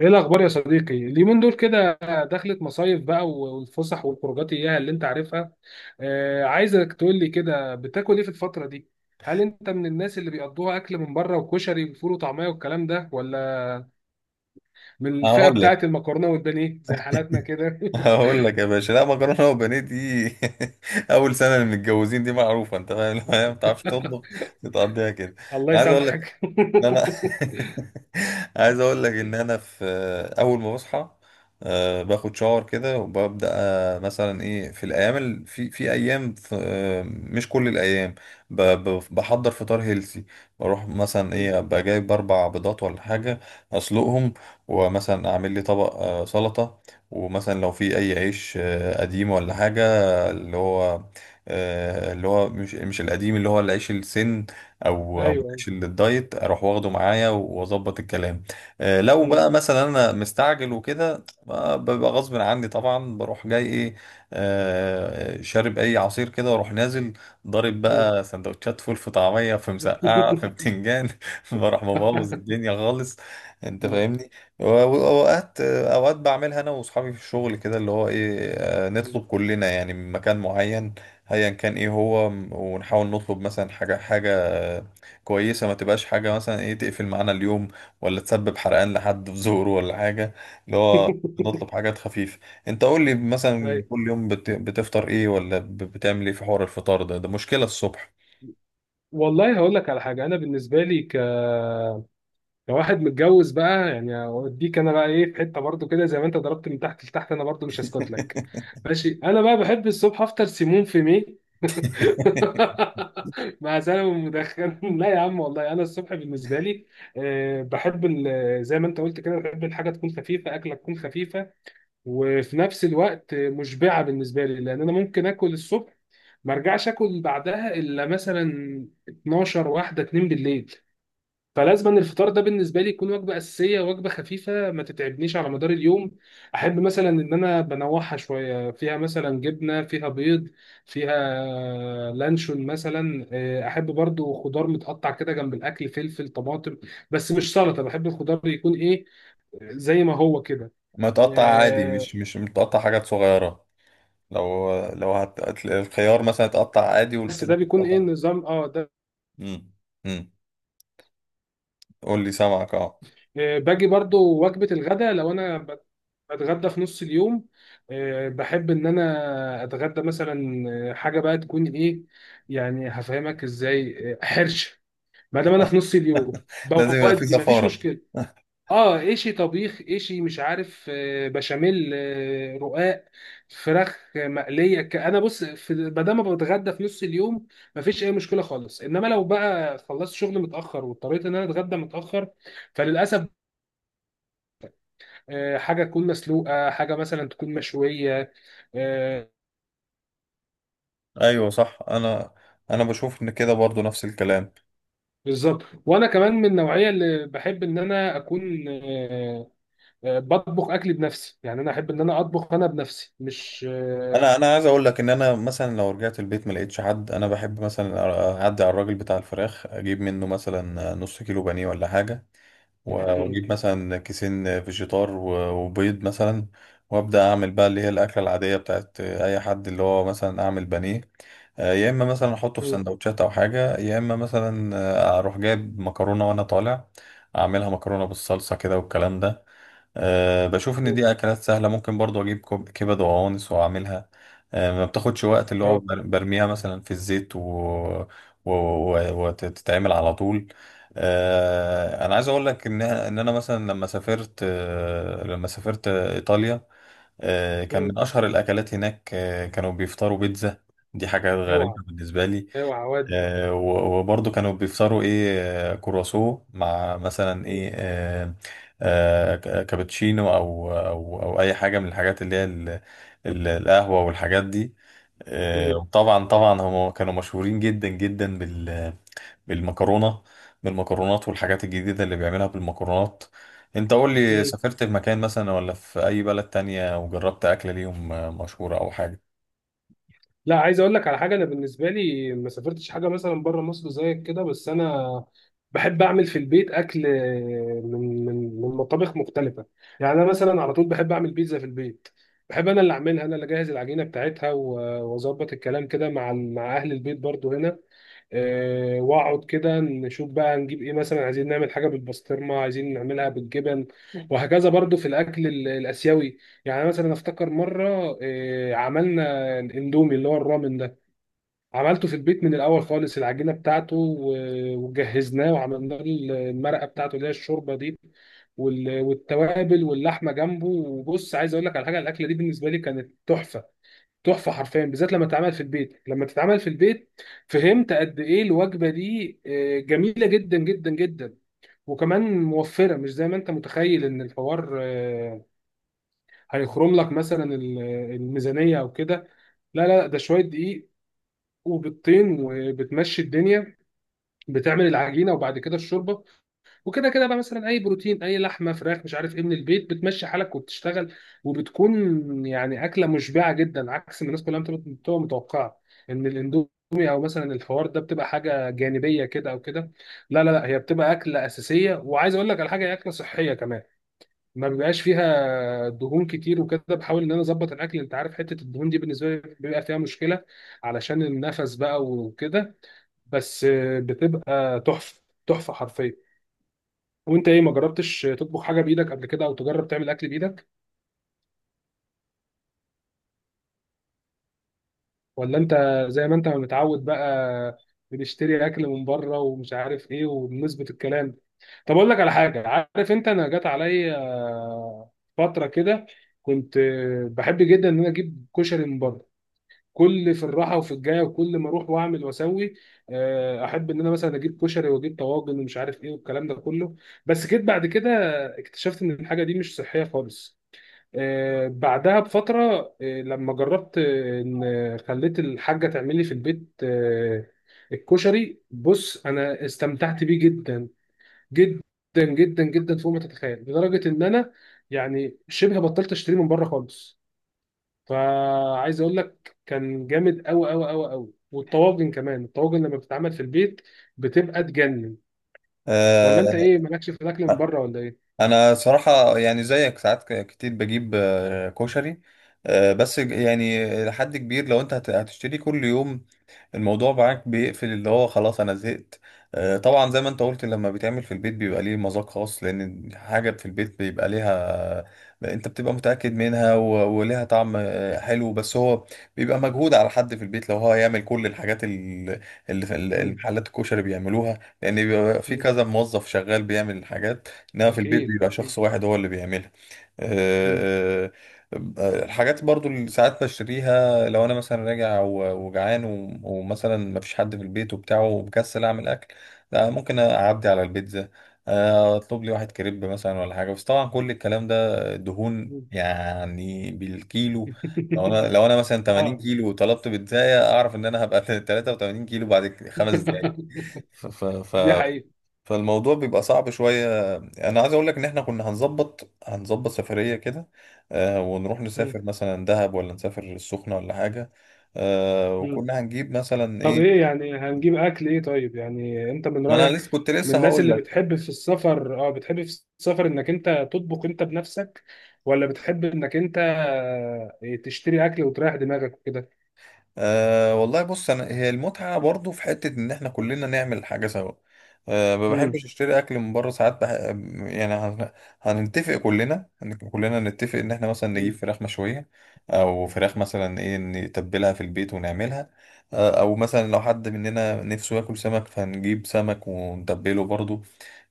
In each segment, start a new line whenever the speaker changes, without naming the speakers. ايه الاخبار يا صديقي اليومين دول كده؟ دخلت مصايف بقى، والفسح والخروجات اياها اللي انت عارفها. عايزك تقول لي كده، بتاكل ايه في الفتره دي؟ هل انت من الناس اللي بيقضوها اكل من بره وكشري وفول وطعميه والكلام ده، ولا من الفئه
هقول
بتاعه
لك
المكرونه والبانيه زي حالاتنا كده؟
هقول لك. يا باشا، لا، مكرونه وبانيه دي؟ اول سنه اللي متجوزين دي معروفه، انت فاهم. لو هي ما بتعرفش تطبخ بتقضيها كده.
الله
انا عايز اقول لك
يسامحك.
إن انا عايز اقول لك ان انا في اول ما بصحى باخد شاور كده وببدا، مثلا ايه، في الايام في ايام، في مش كل الايام بحضر فطار هيلسي. بروح مثلا
مم.
ايه، ابقى جايب 4 بيضات ولا حاجه، اسلقهم، ومثلا اعمل لي طبق سلطه، ومثلا لو في اي عيش قديم ولا حاجه، اللي هو، اللي هو مش القديم، اللي هو العيش السن، او او
ايوه.
ماشي للدايت، اروح واخده معايا واظبط الكلام. لو
مم.
بقى مثلا انا مستعجل وكده، ببقى غصب عني طبعا، بروح جاي ايه، شارب اي عصير كده واروح نازل ضارب
مم.
بقى سندوتشات فول، في طعميه، في مسقعه، في بتنجان. بروح مبوظ الدنيا خالص، انت
مم.
فاهمني. واوقات اوقات بعملها انا واصحابي في الشغل كده، اللي هو ايه، نطلب كلنا يعني من مكان معين، ايا كان ايه هو، ونحاول نطلب مثلا حاجه حاجه، كويسة، ما تبقاش حاجة مثلا ايه تقفل معانا اليوم ولا تسبب حرقان لحد في ظهره ولا حاجة، اللي هو نطلب حاجات خفيفة. انت قول لي مثلا
ايوه،
كل يوم بتفطر ايه؟ ولا بتعمل ايه في حوار الفطار ده مشكلة الصبح.
والله هقول لك على حاجه. انا بالنسبه لي لو واحد متجوز بقى يعني، اوديك انا بقى ايه في حته برضو كده، زي ما انت ضربت من تحت لتحت انا برضو مش هسكت لك. ماشي، انا بقى بحب الصبح افطر سيمون في مي. مع سلامه مدخن. لا يا عم، والله انا الصبح بالنسبه لي بحب زي ما انت قلت كده، بحب الحاجه تكون خفيفه، اكله تكون خفيفه. وفي نفس الوقت مشبعه بالنسبه لي، لان انا ممكن اكل الصبح ما ارجعش اكل بعدها الا مثلا 12 واحده 2 بالليل. فلازم أن الفطار ده بالنسبه لي يكون وجبه اساسيه، وجبه خفيفه ما تتعبنيش على مدار اليوم. احب مثلا ان انا بنوعها شويه، فيها مثلا جبنه، فيها بيض، فيها لانشون مثلا. احب برضو خضار متقطع كده جنب الاكل، فلفل، طماطم. بس مش سلطه، بحب الخضار يكون ايه، زي ما هو كده.
ما تقطع عادي،
آه،
مش متقطع، حاجات صغيرة. لو الخيار مثلا اتقطع عادي
بس ده
والطماطم
بيكون ايه
اتقطع.
النظام ده.
امم امم قول لي، سامعك. اه.
باجي برضو وجبة الغداء لو أنا بتغدى في نص اليوم. بحب إن أنا أتغدى مثلا حاجة بقى تكون إيه، يعني هفهمك إزاي، حرشة. ما دام أنا في نص اليوم
لازم يبقى في
بودي مفيش
زفارة.
مشكلة. اه، ايشي طبيخ، ايشي مش عارف، بشاميل، رقاق، فراخ مقليه. انا بص، في ما دام بتغدى في نص اليوم مفيش اي مشكله خالص. انما لو بقى خلصت شغل متاخر، واضطريت ان انا اتغدى متاخر، فللاسف حاجه تكون مسلوقه، حاجه مثلا تكون مشويه. آه.
ايوه، صح. انا بشوف ان كده برضو نفس الكلام.
بالظبط، وانا كمان من النوعيه اللي بحب ان انا اكون بطبخ اكلي بنفسي. يعني انا احب ان انا اطبخ انا بنفسي، مش
انا عايز اقول لك ان انا مثلا لو رجعت البيت ما لقيتش حد، انا بحب مثلا اعدي على الراجل بتاع الفراخ، اجيب منه مثلا نص كيلو بانيه ولا حاجه،
مم،
واجيب مثلا كيسين فيجيتار وبيض مثلا، وابدا اعمل بقى اللي هي الاكله العاديه بتاعت اي حد، اللي هو مثلا اعمل بانيه، يا اما مثلا احطه في
مم،
سندوتشات او حاجه، يا اما مثلا اروح جايب مكرونه وانا طالع، اعملها مكرونه بالصلصه كده والكلام ده. أه، بشوف ان
مم،
دي اكلات سهله. ممكن برضو اجيب كبد وقوانص واعملها. أه، ما بتاخدش وقت، اللي هو
آه،
برميها مثلا في الزيت وتتعمل على طول. أه، انا عايز اقول لك ان انا مثلا، لما سافرت ايطاليا، أه، كان
مم،
من اشهر الاكلات هناك، أه، كانوا بيفطروا بيتزا. دي حاجه
اوعى
غريبه بالنسبه لي.
اوعى ودي.
وبرضه كانوا بيفطروا ايه؟ كرواسو، مع مثلا ايه، كابتشينو، او اي حاجه من الحاجات اللي هي القهوه والحاجات دي.
مم،
وطبعا طبعا هم كانوا مشهورين جدا جدا بالمكرونه، بالمكرونات والحاجات الجديده اللي بيعملها بالمكرونات. انت قول لي،
مم،
سافرت في مكان مثلا ولا في اي بلد تانية وجربت اكله ليهم مشهوره او حاجه؟
لا، عايز اقول لك على حاجه. انا بالنسبه لي ما سافرتش حاجه مثلا بره مصر زيك كده، بس انا بحب اعمل في البيت اكل من مطابخ مختلفه. يعني انا مثلا على طول بحب اعمل بيتزا في البيت. بحب انا اللي اعملها، انا اللي اجهز العجينه بتاعتها واظبط الكلام كده مع مع اهل البيت برضو هنا. واقعد كده نشوف بقى هنجيب ايه، مثلا عايزين نعمل حاجه بالبسطرمه، عايزين نعملها بالجبن. وهكذا برضو في الاكل الاسيوي. يعني مثلا افتكر مره عملنا الاندومي اللي هو الرامن ده. عملته في البيت من الاول خالص، العجينه بتاعته وجهزناه، وعملنا له المرقه بتاعته اللي هي الشوربه دي، والتوابل واللحمه جنبه. وبص، عايز اقول لك على حاجه، الاكله دي بالنسبه لي كانت تحفه، تحفه حرفيا، بالذات لما تتعمل في البيت، لما تتعمل في البيت. فهمت قد ايه الوجبه دي جميله جدا جدا جدا. وكمان موفره، مش زي ما انت متخيل ان الحوار هيخرم لك مثلا الميزانيه او كده. لا لا، ده شويه دقيق، وبيضتين، وبتمشي الدنيا. بتعمل العجينه، وبعد كده الشوربه. وكده كده بقى، مثلا اي بروتين، اي لحمه، فراخ، مش عارف ايه من البيت، بتمشي حالك وبتشتغل. وبتكون يعني اكله مشبعه جدا، عكس ما الناس كلها بتبقى متوقعه ان الاندومي، او مثلا الفوار ده بتبقى حاجه جانبيه كده او كده. لا لا لا، هي بتبقى اكله اساسيه. وعايز اقول لك على حاجه، هي اكله صحيه كمان، ما بيبقاش فيها دهون كتير وكده. بحاول ان انا اظبط الاكل، انت عارف، حته الدهون دي بالنسبه لي بيبقى فيها مشكله علشان النفس بقى وكده. بس بتبقى تحفه، تحفه حرفيا. وانت ايه، ما جربتش تطبخ حاجه بايدك قبل كده، او تجرب تعمل اكل بايدك، ولا انت زي ما انت متعود بقى، بنشتري اكل من بره ومش عارف ايه وبنظبط الكلام؟ طب اقول لك على حاجه، عارف انت، انا جات عليا فتره كده كنت بحب جدا ان انا اجيب كشري من بره. كل في الراحه وفي الجايه وكل ما اروح واعمل واسوي. احب ان انا مثلا اجيب كشري، واجيب طواجن ومش عارف ايه والكلام ده كله. بس جيت بعد كده اكتشفت ان الحاجه دي مش صحيه خالص. بعدها بفترة، لما جربت إن خليت الحاجة تعمل لي في البيت الكشري، بص أنا استمتعت بيه جدا، جدا، جدا جدا فوق ما تتخيل. لدرجة إن أنا يعني شبه بطلت أشتري من بره خالص. فعايز أقول لك كان جامد أوي أوي أوي أوي. والطواجن كمان، الطواجن لما بتتعمل في البيت بتبقى تجنن. ولا
آه،
أنت إيه، مالكش في الأكل من بره ولا إيه؟
انا صراحة يعني زيك، ساعات كتير بجيب كشري. بس يعني لحد كبير، لو انت هتشتري كل يوم، الموضوع معاك بيقفل، اللي هو خلاص انا زهقت. طبعا زي ما انت قلت، لما بيتعمل في البيت بيبقى ليه مذاق خاص، لان حاجة في البيت بيبقى ليها، انت بتبقى متأكد منها، وليها طعم حلو. بس هو بيبقى مجهود على حد في البيت لو هو هيعمل كل الحاجات اللي في
مم،
المحلات الكشري بيعملوها، لان بيبقى في
مم،
كذا موظف شغال بيعمل الحاجات. انما في البيت
أكيد
بيبقى
أكيد.
شخص واحد هو اللي بيعملها.
مم،
آه، الحاجات برضو اللي ساعات بشتريها، لو انا مثلا راجع وجعان، ومثلا مفيش حد في البيت وبتاع، ومكسل اعمل اكل، لا، ممكن اعدي على البيتزا، اطلب لي واحد كريب مثلا ولا حاجه. بس طبعا كل الكلام ده دهون
مم.
يعني بالكيلو. لو انا لو انا مثلا 80
اه.
كيلو وطلبت بيتزاية، اعرف ان انا هبقى 83 كيلو بعد 5 دقايق. ف ف ف
دي حقيقة.
فالموضوع بيبقى صعب شوية. أنا عايز أقول لك إن إحنا كنا هنظبط سفرية كده، ونروح
مم.
نسافر مثلا دهب، ولا نسافر السخنة ولا حاجة،
مم.
وكنا هنجيب مثلا
طب ايه،
إيه.
يعني هنجيب اكل ايه؟ طيب، يعني انت من
ما أنا
رأيك
لسه، كنت
من
لسه
الناس
هقول.
اللي بتحب في السفر، بتحب في السفر انك انت تطبخ انت بنفسك، ولا بتحب انك انت تشتري اكل وتريح دماغك وكده؟
أه والله بص، انا هي المتعه برضو في حته ان احنا كلنا نعمل حاجه سوا. أه، ما بحبش
مم.
اشتري اكل من بره ساعات. يعني هنتفق كلنا، كلنا نتفق ان احنا مثلا نجيب
مم.
فراخ مشويه، او فراخ مثلا ايه نتبلها في البيت ونعملها. أه، او مثلا لو حد مننا نفسه ياكل سمك، فهنجيب سمك ونتبله برضو.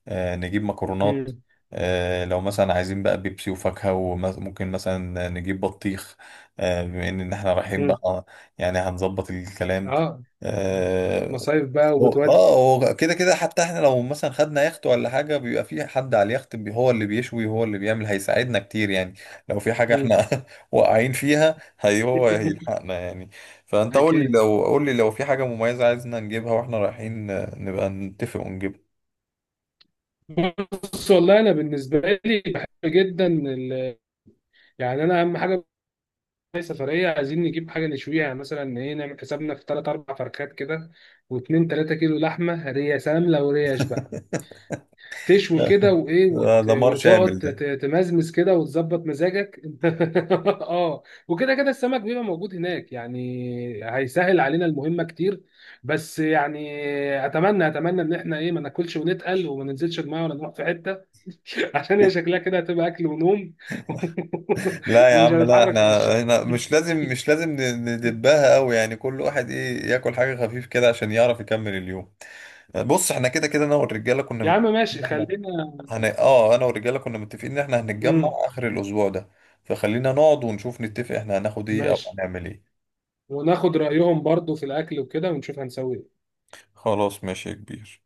نجيب مكرونات.
مم.
لو مثلا عايزين بقى بيبسي وفاكهة، وممكن مثلا نجيب بطيخ، بما ان احنا رايحين
مم.
بقى، يعني هنظبط الكلام.
اه،
اه.
مصايف بقى وبتودي.
هو كده كده، حتى احنا لو مثلا خدنا يخت ولا حاجة بيبقى في حد على اليخت هو اللي بيشوي، هو اللي بيعمل، هيساعدنا كتير يعني لو في حاجة احنا
مم.
واقعين فيها، هي هو هيلحقنا يعني. فانت قول لي،
اكيد.
لو في حاجة مميزة عايزنا نجيبها واحنا رايحين، نبقى نتفق ونجيبها.
بص، والله انا بالنسبه لي بحب جدا يعني انا اهم حاجه، هي سفرية، عايزين نجيب حاجة نشويها. يعني مثلا إيه، نعمل حسابنا في تلات أربع فرخات كده، واتنين تلاتة كيلو لحمة ريا سلام. لو ريش بقى تشوي كده وإيه
ده دمار شامل
وتقعد
ده.
تمزمز كده وتظبط مزاجك. آه. وكده كده السمك بيبقى موجود هناك يعني، هيسهل علينا المهمة كتير. بس يعني أتمنى أتمنى إن إحنا إيه ما ناكلش ونتقل وما ننزلش المية ولا نروح في حتة. عشان هي شكلها كده هتبقى أكل ونوم.
لا يا
ومش
عم، لا، احنا
هنتحرك من الشقة.
هنا مش لازم، ندبها قوي يعني، كل واحد ايه، ياكل حاجة خفيف كده عشان يعرف يكمل اليوم. بص، احنا كده كده انا والرجالة كنا
يا عم
متفقين
ماشي،
ان احنا
خلينا.
هن... اه انا والرجالة كنا متفقين ان احنا هنتجمع
امم.
اخر الاسبوع ده، فخلينا نقعد ونشوف نتفق احنا هناخد ايه او
ماشي.
هنعمل ايه.
وناخد رأيهم برضو في الأكل وكده ونشوف هنسوي إيه.
خلاص، ماشي يا كبير.